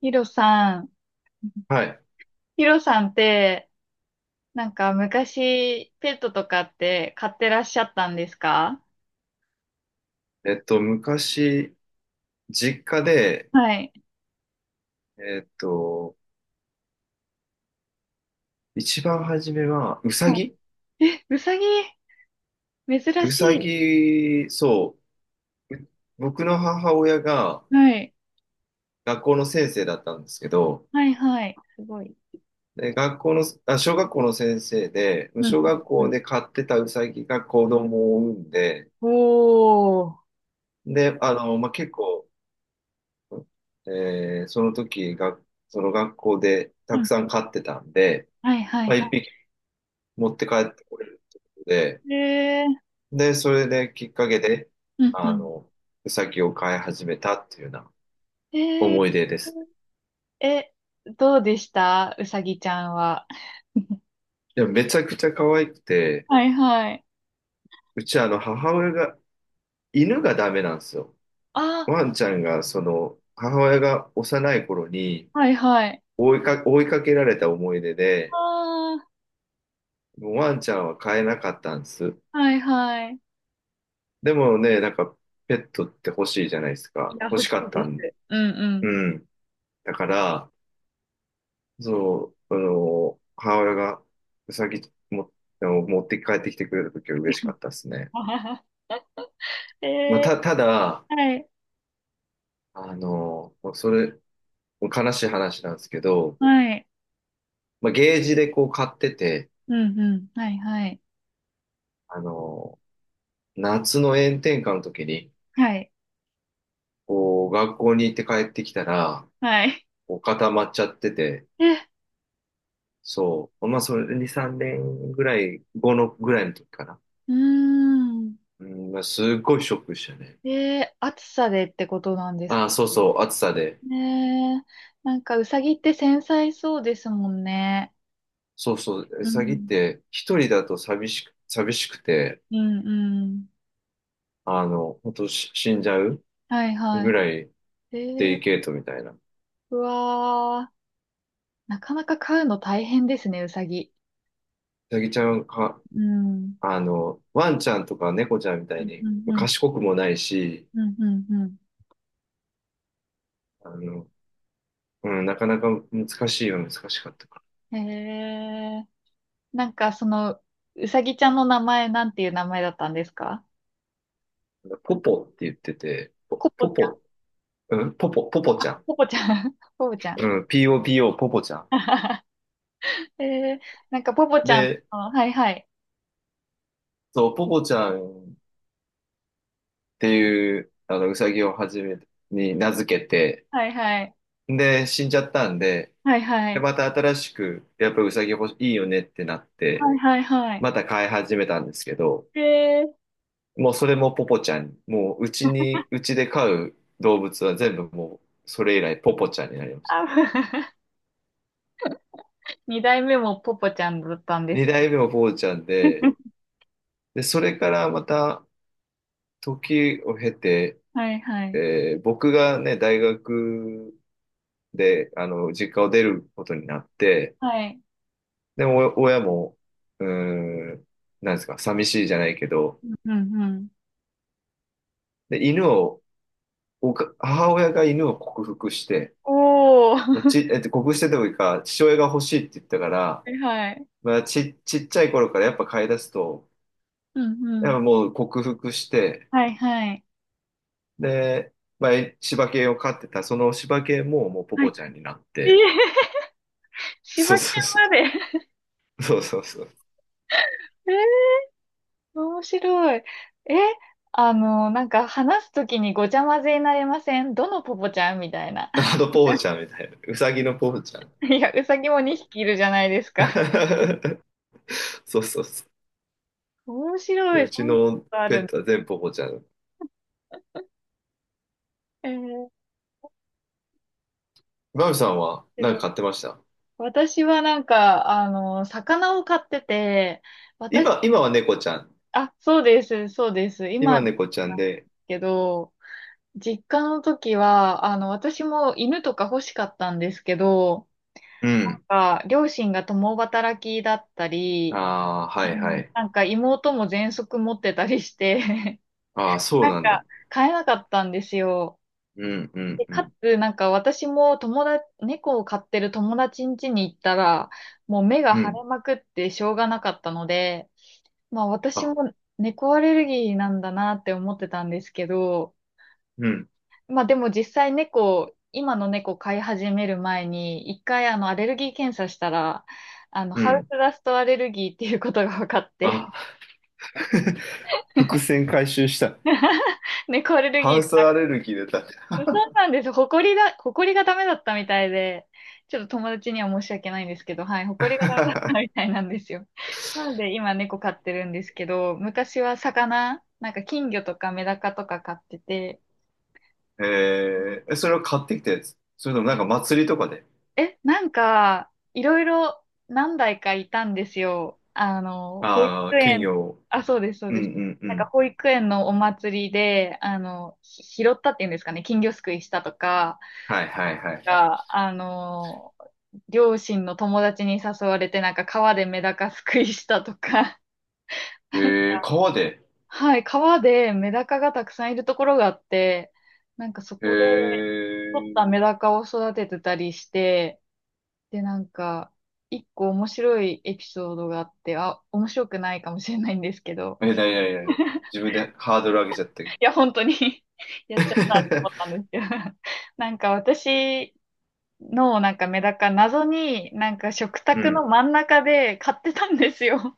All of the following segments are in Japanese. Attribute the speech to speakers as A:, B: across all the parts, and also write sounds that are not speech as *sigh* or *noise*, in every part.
A: ヒロさん、
B: はい。
A: ヒロさんって、なんか昔ペットとかって飼ってらっしゃったんですか？
B: 昔、実家で、
A: はい。
B: えっと、一番初めは、うさ
A: は
B: ぎ。
A: い。え、うさぎ、珍しい。
B: そう、僕の母親が
A: はい。
B: 学校の先生だったんですけど、
A: はいはい。すごい。
B: で、学校の、あ、小学校の先生で、
A: うん。
B: 小学
A: うんう
B: 校
A: ん。
B: で飼ってたうさぎが子供を産んで、
A: おー。
B: で、あの、まあ、結構、その時が、その学校でた
A: う
B: く
A: ん。
B: さん飼ってたんで、
A: はいはい
B: まあ、一
A: は
B: 匹持って帰ってこれるってことで、
A: い。えー。
B: で、それできっかけで、
A: うんう
B: あ
A: ん。
B: の、ウサギを飼い始めたっていうような
A: えー。
B: 思い出です。
A: え、どうでしたうさぎちゃんは？
B: でもめちゃくちゃ可愛くて、
A: はいはい。
B: うちあの母親が、犬がダメなんですよ。
A: あ、
B: ワンちゃんが、その、母親が幼い頃に
A: はいはい。
B: 追いかけられた思い出で、
A: あー、
B: もうワンちゃんは飼えなかったんです。
A: はいはい。
B: でもね、なんかペットって欲しいじゃないです
A: い
B: か。
A: や、
B: 欲
A: 欲し
B: しか
A: い
B: った
A: で
B: ん。
A: す。うんうん。
B: うん。だから、そう、あの、母親がうさぎも、あの持って帰ってきてくれた時は嬉しかったですね。
A: *laughs* え
B: まあ、
A: え、
B: ただ、
A: はい、
B: あの、もう悲しい話なんですけど、
A: はい、
B: まあ、ゲージでこう買ってて、
A: うんうん、はい、はい、
B: あの、夏の炎天下の時に、
A: はい、
B: こう、学校に行って帰ってきたら、
A: はい。
B: こう固まっちゃってて、
A: え、
B: そう、まあ、それ2、3年ぐらい、後のぐらいの時かな。
A: うーん。
B: うん、まあ、すっごいショックでしたね。
A: え、暑さでってことなんです
B: あ
A: か？
B: あ、そうそう、暑さで。
A: ねえ、なんかうさぎって繊細そうですもんね。
B: そうそう、ウ
A: う
B: サギっ
A: ん、
B: て一人だと寂しくて、
A: うん、うん。
B: あの、ほんと死んじゃう
A: はいはいは
B: ぐらい
A: い。え
B: デ
A: ー、
B: リケートみたいな。ウ
A: うわー、なかなか飼うの大変ですね、うさぎ。
B: サギちゃんか、
A: うん、
B: あの、ワンちゃんとか猫ちゃんみた
A: う
B: い
A: ん、
B: に
A: うん、うん、
B: 賢くもないし、
A: うん。うんうん。
B: あの、うん、なかなか難しいは難しかったか
A: へえ、なんかその、うさぎちゃんの名前なんていう名前だったんですか？
B: ら。ポポって言ってて、
A: ポポ
B: ポ
A: ちゃん、
B: ポ、うん、ポポちゃん。
A: ポポちゃん、*laughs* ポポちゃん。
B: うん、POPO、ポポちゃん。
A: *laughs* えー、なんかポポちゃん
B: で、
A: の、はいはい、
B: そう、ポポちゃんっていう、あの、ウサギをはじめに名付けて、
A: はいはい、
B: で、死んじゃったんで、
A: はいは
B: で、
A: い、
B: また新しく、やっぱりウサギ欲しい、いいよねってなって、
A: はいはいはい。
B: また飼い始めたんですけど、
A: えー、
B: もうそれもポポちゃん、もううちに、うちで飼う動物は全部もうそれ以来ポポちゃんになります。
A: あ、*laughs* 2代目もポポちゃんだったんです。
B: 二代目もポポちゃんで、
A: *laughs*
B: で、それからまた時を経て、
A: はいはい、
B: 僕がね、大学で、あの、実家を出ることになって、
A: はい。
B: でも、お親も、うーん、なんですか、寂しいじゃないけど、
A: うんうん。
B: で、犬をおか母親が犬を克服して、
A: おー、*laughs* は
B: ち、えっと、克服してというか、父親が欲しいって言ったから、
A: いはい、
B: まあ、ちっちゃい頃からやっぱ飼い出すと、
A: うんう
B: やっ
A: ん。
B: ぱもう克服して、
A: はいはい、
B: で、まあ、柴犬を飼ってた、その柴犬ももうポ
A: はい。
B: ポちゃんになっ
A: えー、
B: て、
A: *laughs* 柴
B: そう
A: 犬
B: そうそう、
A: まで。
B: そうそうそう。
A: えー、面白い。え、なんか話すときにごちゃ混ぜになりません？どのポポちゃんみたいな。
B: あのポポちゃんみたいな、うさぎのポポちゃん。
A: いや、うさぎも2匹いるじゃないですか。
B: *laughs* そうそうそ
A: 面白
B: う。
A: い。
B: うち
A: そんなこ
B: の
A: とあ
B: ペ
A: る
B: ッ
A: の？
B: トは全部ポポちゃん。
A: えー、面
B: マミさんは何
A: 白い。
B: か飼ってました？
A: 私はなんか、魚を飼ってて、私、
B: 今は猫ちゃん。
A: あ、そうです、そうです。
B: 今
A: 今、
B: は猫ちゃんで、
A: けど、実家の時は、私も犬とか欲しかったんですけど、
B: うん。
A: なんか両親が共働きだったり、
B: ああ、は
A: う
B: いは
A: ん、
B: い。
A: なんか妹も喘息持ってたりして、*laughs*
B: ああ、そ
A: な
B: う
A: ん
B: なんだ。
A: か飼えなかったんですよ。
B: うんうん
A: で、
B: う
A: か
B: ん。
A: つ、なんか私も友達、猫を飼ってる友達ん家に行ったら、もう目が
B: う
A: 腫
B: ん。
A: れまくってしょうがなかったので、まあ私
B: あ、
A: も猫アレルギーなんだなって思ってたんですけど、
B: うん。
A: まあでも実際猫、今の猫飼い始める前に、1回アレルギー検査したら、
B: う
A: ハウス
B: ん。
A: ダストアレルギーっていうことが分かって、
B: あ、*laughs* 伏線回収した。
A: *laughs* 猫アレル
B: ハ
A: ギー
B: ウ
A: じ
B: ス
A: ゃな、
B: アレルギー出た。
A: そうなんです。ほこりだ、ほこりがダメだったみたいで、ちょっと友達には申し訳ないんですけど、はい、ほこりがダメだったみた
B: *laughs*
A: いなんですよ。なんで今猫飼ってるんですけど、昔は魚、なんか金魚とかメダカとか飼ってて、
B: えそれを買ってきたやつ？それともなんか祭りとかで。
A: え、なんか、いろいろ何台かいたんですよ。保育
B: ああ、金
A: 園、
B: 魚を。
A: あ、そうです、そう
B: うん
A: です。
B: うんう
A: なんか
B: ん。
A: 保育園のお祭りで、拾ったっていうんですかね、金魚すくいしたとか、
B: はいはいはいはい。
A: が、両親の友達に誘われて、なんか川でメダカすくいしたとか、
B: え
A: なんか、
B: 川で。
A: はい、川でメダカがたくさんいるところがあって、なんかそ
B: え
A: こで取った
B: ー、
A: メダカを育ててたりして、で、なんか、1個面白いエピソードがあって、あ、面白くないかもしれないんですけど、
B: なになになに？自分でハードル上げちゃったけど。
A: いや、本当に *laughs* やっちゃったと思ったん
B: *laughs*
A: ですけど、なんか私のなんかメダカ、謎になんか食
B: う
A: 卓
B: ん。
A: の真ん中で買ってたんですよ。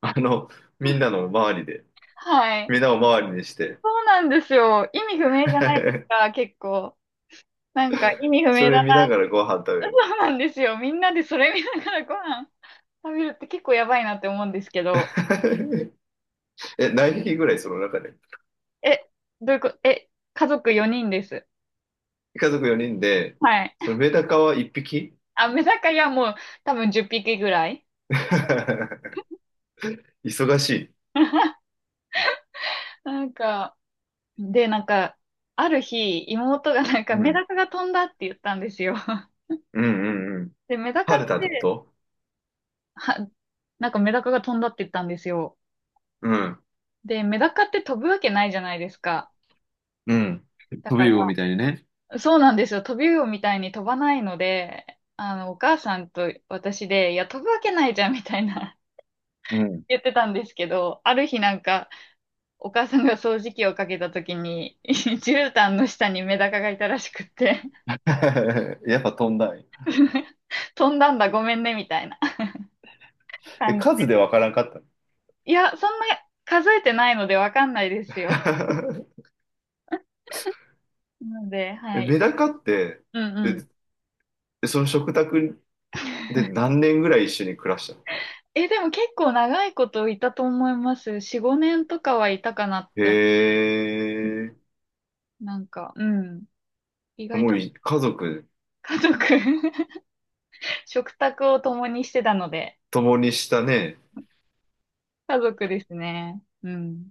B: あの、みんなの周りで。
A: はい。
B: みんなを周りにして。
A: そうなんですよ。意味不明じゃないです
B: *laughs*
A: か、結構。なんか意味不
B: そ
A: 明
B: れ
A: だ
B: 見な
A: な。
B: がらご飯食べ
A: *laughs* そ
B: るんだ。
A: うなんですよ。みんなでそれ見ながらご飯食べるって結構やばいなって思うんですけど。
B: *laughs* え、何匹ぐらいその中で？
A: え、どういうこと、え、家族4人です。
B: 家族4人で、
A: はい。
B: そのメダカは1匹？
A: あ、メダカやもう多分10匹ぐらい。
B: *laughs* 忙しい。
A: *laughs* なんか、で、なんか、ある日、妹がなんか
B: う
A: メ
B: ん。
A: ダカが飛んだって言ったんですよ。*laughs*
B: うんうんうん。
A: で、メダカ
B: 晴
A: っ
B: れたってこ
A: て、
B: と？
A: は、なんかメダカが飛んだって言ったんですよ。
B: うん。
A: で、メダカって飛ぶわけないじゃないですか。
B: うん。
A: だ
B: 飛
A: か
B: び魚みたいにね。
A: ら、そうなんですよ。飛び魚みたいに飛ばないので、お母さんと私で、いや、飛ぶわけないじゃんみたいな
B: う
A: *laughs*
B: ん。
A: 言ってたんですけど、ある日なんか、お母さんが掃除機をかけた時に、*laughs* 絨毯の下にメダカがいたらしくって、
B: *laughs* やっぱ飛んだんや。
A: *laughs* 飛んだんだ、ごめんね、みたいな
B: え、
A: 感じ
B: 数で
A: で。
B: わからんかった
A: いや、そんな数えてないのでわかんないですよ。
B: の？
A: なので、
B: *laughs*
A: は
B: え、
A: い。
B: メダカって、
A: うんうん。
B: その食卓で何年ぐらい一緒に暮らしたの？
A: え、でも結構長いこといたと思います。4、5年とかはいたかなっ
B: へ
A: て思
B: え、
A: う。なんか、うん。意外
B: もう
A: と
B: 家族
A: 家族 *laughs* 食卓を共にしてたので、
B: 共にしたね。
A: 家族ですね。うん。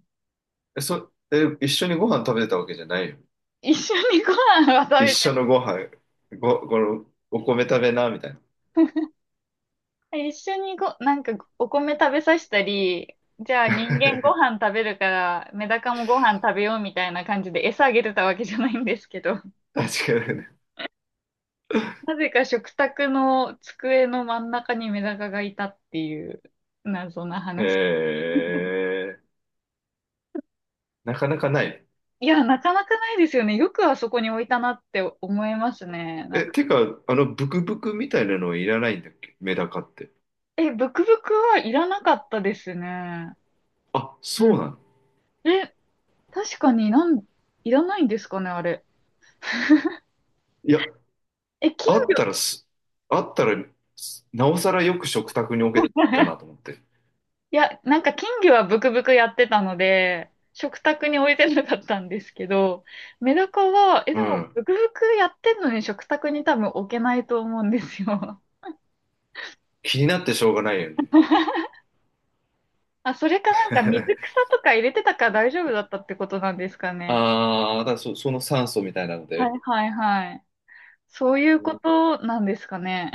B: え、一緒にご飯食べてたわけじゃないよ？
A: 一緒にご飯は
B: 一
A: 食
B: 緒
A: べ
B: のご飯、この、お米食べな、みたいな。
A: て、一緒にご、なんかお米食べさせたり、じゃあ人間ご
B: *laughs*
A: 飯食べるから、メダカもご飯食べようみたいな感じで餌あげてたわけじゃないんですけど、*laughs*
B: 確かにね。
A: なぜか食卓の机の真ん中にメダカがいたっていう謎な
B: え
A: 話。
B: ー、なかなかない。
A: いや、なかなかないですよね。よくあそこに置いたなって思いますね。なん
B: え、
A: か、
B: てか、あの、ブクブクみたいなのいらないんだっけメダカって？
A: え、ブクブクはいらなかったですね。
B: あ、
A: う
B: そ
A: ん。
B: うなの？
A: え、確かになん、いらないんですかね、あれ。
B: いや、
A: え、金
B: あっ
A: 魚
B: たらす、あったらす、なおさらよく食卓に置けたなと思
A: *laughs*
B: って。
A: いや、なんか金魚はブクブクやってたので、食卓に置いてなかったんですけど、メダカは、え、
B: う
A: でも、
B: ん。
A: ブクブクやってんのに食卓に多分置けないと思うんですよ。
B: 気になってしょうがないよね。
A: *laughs* あ、それかなんか水草
B: *laughs*
A: とか入れてたから大丈夫だったってことなんですかね。
B: ああ、だからその酸素みたいなの
A: は
B: で。
A: いはいはい。そうい
B: う
A: うこ
B: ん
A: となんですかね。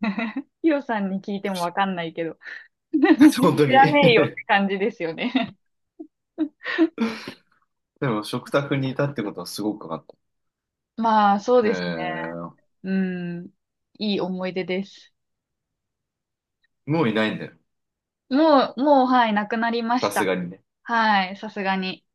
A: *laughs* ヒロさんに聞いてもわかんないけど。
B: *laughs*
A: *laughs*
B: 本当
A: 知
B: に
A: らねえよって感じですよね。
B: でも食卓にいたってことはすごく分かっ
A: まあ、そう
B: た。
A: ですね。うん。いい思い出です。
B: もういないんだよ。
A: もう、もう、はい、なくなりま
B: さ
A: し
B: す
A: た。
B: がにね。
A: はい、さすがに。